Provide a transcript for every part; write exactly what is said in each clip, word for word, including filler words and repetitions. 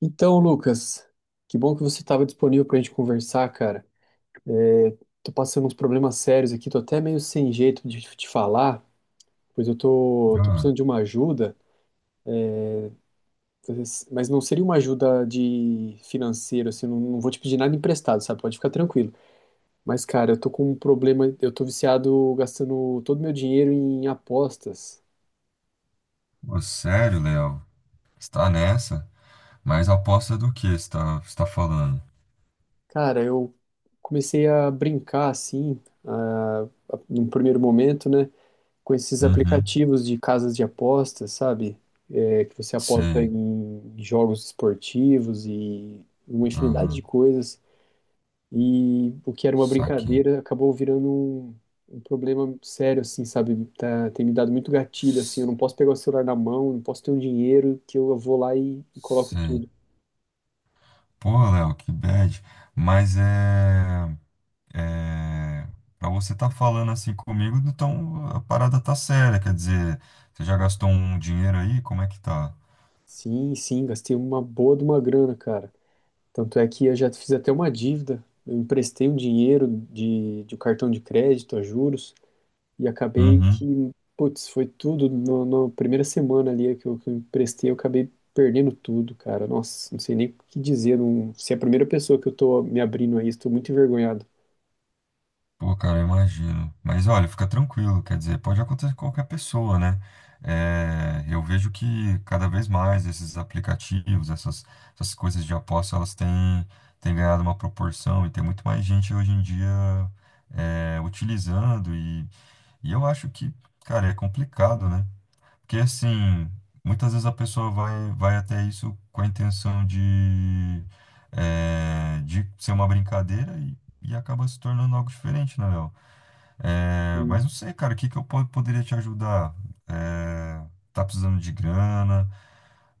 Então, Lucas, que bom que você estava disponível para a gente conversar, cara. Tô passando uns problemas sérios aqui, tô até meio sem jeito de te falar, pois eu tô, tô Ah, precisando de uma ajuda, mas mas não seria uma ajuda de financeira, assim, não, não vou te pedir nada emprestado, sabe? Pode ficar tranquilo. Mas, cara, eu tô com um problema, eu tô viciado gastando todo meu dinheiro em apostas. ô, sério, Léo? Está nessa? Mas aposta do que está está falando? Cara, eu comecei a brincar assim, ah, num primeiro momento, né? Com esses Uhum. aplicativos de casas de apostas, sabe? É, que você aposta Sei. em jogos esportivos e uma infinidade de Aham. coisas. E o que era uma Saquei. brincadeira acabou virando um, um problema sério, assim, sabe? Tá, tem me dado muito gatilho, assim. Eu S- não posso pegar o celular na mão, não posso ter um dinheiro que eu vou lá e, e coloco Sei. tudo. Porra, Léo, que bad. Mas é, é para você estar falando assim comigo, então a parada tá séria, quer dizer, você já gastou um dinheiro aí? Como é que tá? Sim, sim, gastei uma boa de uma grana, cara. Tanto é que eu já fiz até uma dívida. Eu emprestei um dinheiro de, de um cartão de crédito a juros. E acabei Uhum. que, putz, foi tudo no- na primeira semana ali que eu, que eu emprestei, eu acabei perdendo tudo, cara. Nossa, não sei nem o que dizer. Não, se é a primeira pessoa que eu tô me abrindo a isso, tô muito envergonhado. Pô, cara, eu imagino. Mas olha, fica tranquilo, quer dizer, pode acontecer com qualquer pessoa, né? É, eu vejo que cada vez mais esses aplicativos, essas, essas coisas de aposta, elas têm, têm ganhado uma proporção e tem muito mais gente hoje em dia é, utilizando. E, e eu acho que, cara, é complicado, né? Porque assim, muitas vezes a pessoa vai, vai até isso com a intenção de, é, de ser uma brincadeira e, e acaba se tornando algo diferente, né, Léo? É, mas não sei, cara, o que que eu po- poderia te ajudar? É, tá precisando de grana?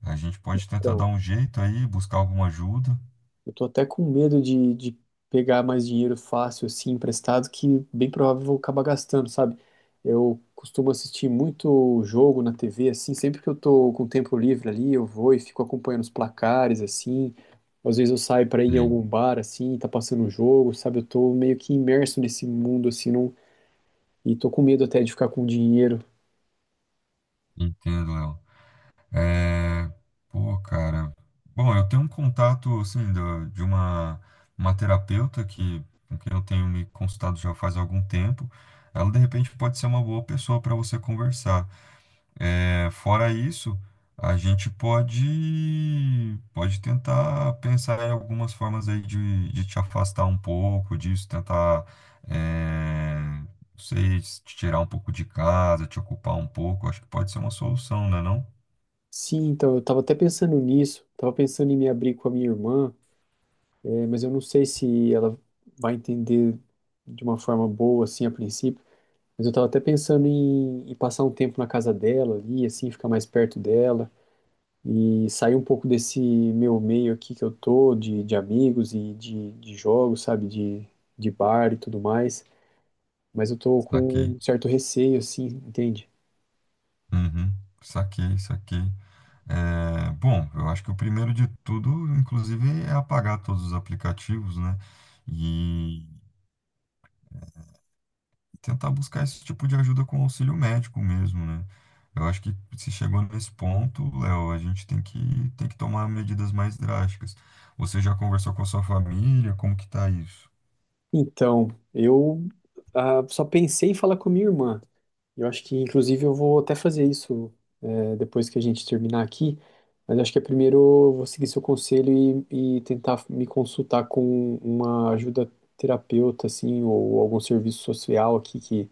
A gente pode tentar dar Então, um jeito aí, buscar alguma ajuda. eu tô até com medo de, de pegar mais dinheiro fácil, assim, emprestado, que bem provável eu vou acabar gastando, sabe? Eu costumo assistir muito jogo na T V, assim, sempre que eu tô com tempo livre ali, eu vou e fico acompanhando os placares, assim. Às vezes eu saio pra ir em Sei, algum bar, assim, tá passando um jogo, sabe? Eu tô meio que imerso nesse mundo, assim, não, e tô com medo até de ficar com dinheiro. entendo, Léo. É, pô, cara. Bom, eu tenho um contato, assim, da- de uma, uma terapeuta que, com quem eu tenho me consultado já faz algum tempo. Ela, de repente, pode ser uma boa pessoa para você conversar. É, fora isso, a gente pode pode tentar pensar em algumas formas aí de, de te afastar um pouco disso, tentar, é, não sei, se te tirar um pouco de casa, te ocupar um pouco. Acho que pode ser uma solução, né, não? Sim, então eu tava até pensando nisso, tava pensando em me abrir com a minha irmã. É, mas eu não sei se ela vai entender de uma forma boa, assim, a princípio. Mas eu tava até pensando em, em passar um tempo na casa dela ali, assim, ficar mais perto dela e sair um pouco desse meu meio aqui que eu tô, de, de amigos e de, de jogos, sabe, de, de bar e tudo mais. Mas eu tô com Saquei. um certo receio, assim, entende? Uhum. Saquei, saquei. É, bom, eu acho que o primeiro de tudo, inclusive, é apagar todos os aplicativos, né? E tentar buscar esse tipo de ajuda com auxílio médico mesmo, né? Eu acho que se chegou nesse ponto, Léo, a gente tem que, tem que tomar medidas mais drásticas. Você já conversou com a sua família? Como que tá isso? Então, eu ah, só pensei em falar com minha irmã. Eu acho que, inclusive, eu vou até fazer isso, é, depois que a gente terminar aqui. Mas acho que é primeiro eu vou seguir seu conselho e, e tentar me consultar com uma ajuda terapeuta, assim, ou algum serviço social aqui, que,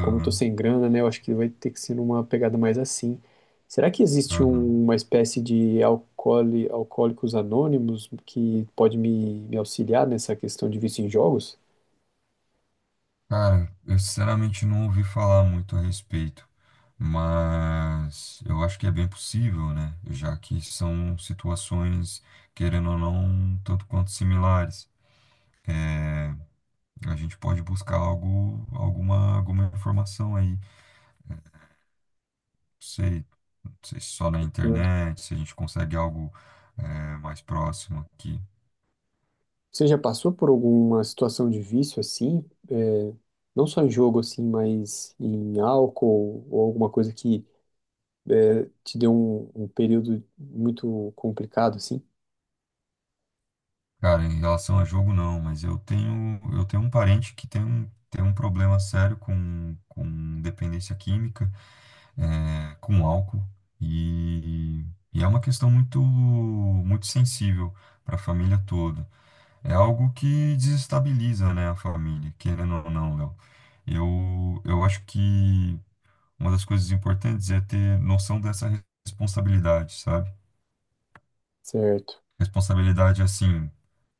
como eu tô sem grana, né, eu acho que vai ter que ser numa pegada mais assim. Será que existe aham. um- uma espécie de alcooli- alcoólicos anônimos que pode me, me auxiliar nessa questão de vício em jogos? Cara, eu sinceramente não ouvi falar muito a respeito, mas eu acho que é bem possível, né? Já que são situações, querendo ou não, um tanto quanto similares. É, a gente pode buscar algo, alguma, alguma informação aí sei, não sei se só na internet, se a gente consegue algo é, mais próximo aqui. Você já passou por alguma situação de vício assim? É, não só em jogo assim, mas em álcool ou alguma coisa que é, te deu um, um período muito complicado assim? Cara, em relação a jogo, não, mas eu tenho, eu tenho um parente que tem um, tem um problema sério com, com dependência química, é, com álcool, e, e é uma questão muito, muito sensível para a família toda. É algo que desestabiliza, né, a família, querendo ou não, Léo. Eu, eu acho que uma das coisas importantes é ter noção dessa responsabilidade, sabe? Certo. Responsabilidade, assim,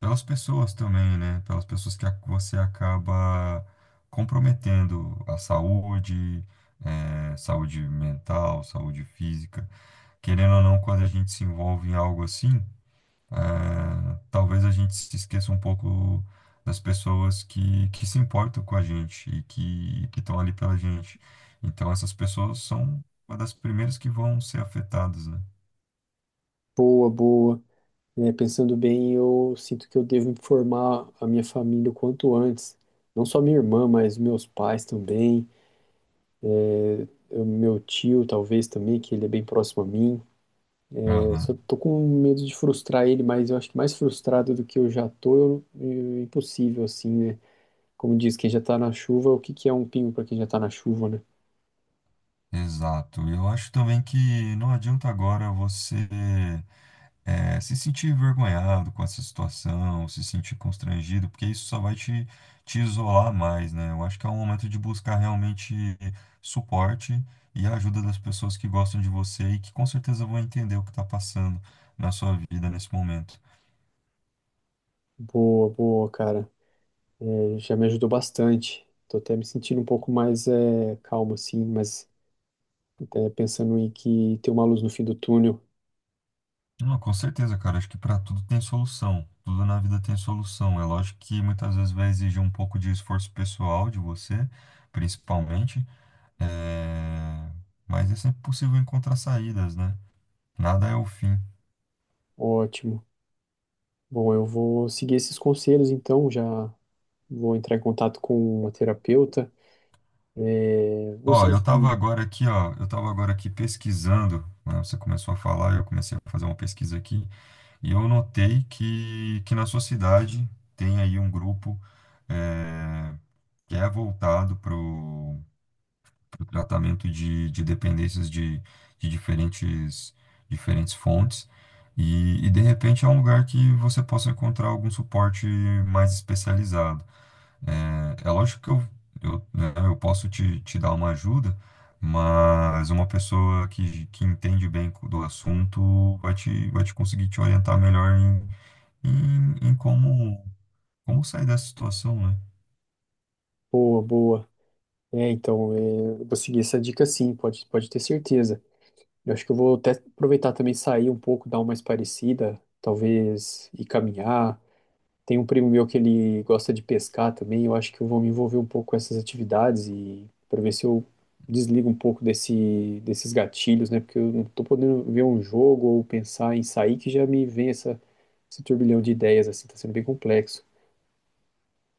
pelas pessoas também, né? Pelas pessoas que a- você acaba comprometendo a saúde, eh, saúde mental, saúde física. Querendo ou não, quando a gente se envolve em algo assim, é, talvez a gente se esqueça um pouco das pessoas que, que se importam com a gente e que que estão ali pela gente. Então, essas pessoas são uma das primeiras que vão ser afetadas, né? Boa, boa. É, pensando bem, eu sinto que eu devo informar a minha família o quanto antes. Não só minha irmã, mas meus pais também, eu- meu tio talvez também, que ele é bem próximo a mim. Eu Aham, só tô com medo de frustrar ele, mas eu acho que mais frustrado do que eu já tô, eu, é impossível, assim, né? Como diz, quem já tá na chuva, o que que é um pingo pra quem já tá na chuva, né? exato. Eu acho também que não adianta agora você é, se sentir envergonhado com essa situação, se sentir constrangido, porque isso só vai te, te isolar mais, né? Eu acho que é um momento de buscar realmente suporte e a ajuda das pessoas que gostam de você e que com certeza vão entender o que está passando na sua vida nesse momento. Boa, boa, cara. É, já me ajudou bastante. Tô até me sentindo um pouco mais é, calmo, assim, mas é, pensando em que tem uma luz no fim do túnel. Não, com certeza, cara. Acho que para tudo tem solução. Tudo na vida tem solução. É lógico que muitas vezes vai exigir um pouco de esforço pessoal de você, principalmente, é, mas é sempre possível encontrar saídas, né? Nada é o fim. Ótimo. Bom, eu vou seguir esses conselhos, então, já vou entrar em contato com uma terapeuta. É, não Ó, sei eu se. tava agora aqui, ó, eu tava agora aqui pesquisando, né? Você começou a falar, eu comecei a fazer uma pesquisa aqui, e eu notei que, que na sua cidade tem aí um grupo é, que é voltado para o tratamento de, de dependências de, de diferentes, diferentes fontes, e, e de repente é um lugar que você possa encontrar algum suporte mais especializado. É, é lógico que eu, eu, né, eu posso te, te dar uma ajuda, mas uma pessoa que, que entende bem co- do assunto vai te, vai te conseguir te orientar melhor em, em, em como, como sair dessa situação, né? Boa, boa. É, então, é, eu vou seguir essa dica sim, pode, pode ter certeza. Eu acho que eu vou até aproveitar também sair um pouco, dar uma espairecida, talvez ir caminhar. Tem um primo meu que ele gosta de pescar também, eu acho que eu vou me envolver um pouco com essas atividades e para ver se eu desligo um pouco desse, desses gatilhos, né? Porque eu não tô podendo ver um jogo ou pensar em sair que já me vem essa, esse turbilhão de ideias, assim, tá sendo bem complexo.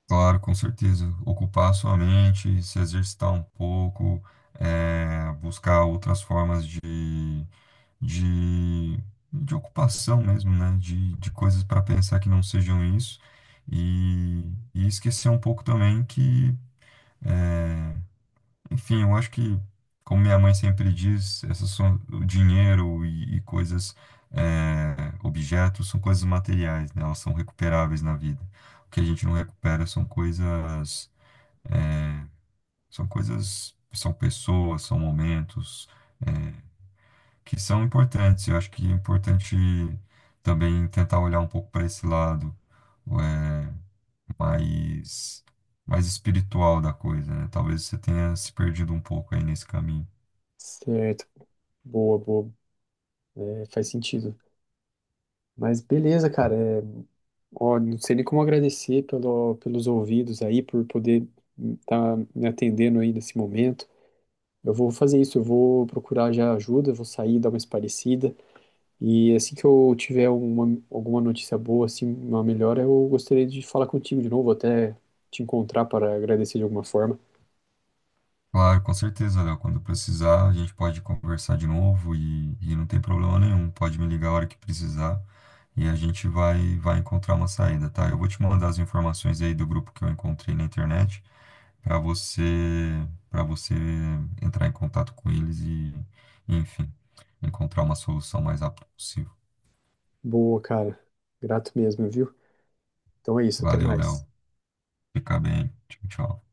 Claro, com certeza. Ocupar a sua mente, se exercitar um pouco, é, buscar outras formas de de, de ocupação mesmo, né? De, de coisas para pensar que não sejam isso. E, e esquecer um pouco também que, enfim, eu acho que, como minha mãe sempre diz, essas são o dinheiro e, e coisas, é, objetos, são coisas materiais, né? Elas são recuperáveis na vida. O que a gente não recupera são coisas, são coisas, são pessoas, são momentos. É, que são importantes. Eu acho que é importante também tentar olhar um pouco para esse lado é, mais, mais espiritual da coisa, né? Talvez você tenha se perdido um pouco aí nesse caminho. Certo, boa, boa, é, faz sentido. Mas beleza, cara. É, ó, não sei nem como agradecer pelo, pelos ouvidos aí, por poder estar me atendendo aí nesse momento. Eu vou fazer isso, eu vou procurar já ajuda, vou sair, dar uma esparecida. E assim que eu tiver uma, alguma notícia boa, assim, uma melhora, eu gostaria de falar contigo de novo, até te encontrar para agradecer de alguma forma. Claro, com certeza, Léo. Quando precisar, a gente pode conversar de novo e, e não tem problema nenhum. Pode me ligar a hora que precisar e a gente vai, vai encontrar uma saída, tá? Eu vou te mandar as informações aí do grupo que eu encontrei na internet. para você para você entrar em contato com eles e, enfim, encontrar uma solução mais rápido possível. Boa, cara. Grato mesmo, viu? Então é isso, até Valeu, mais. Léo. Fica bem. Tchau, tchau.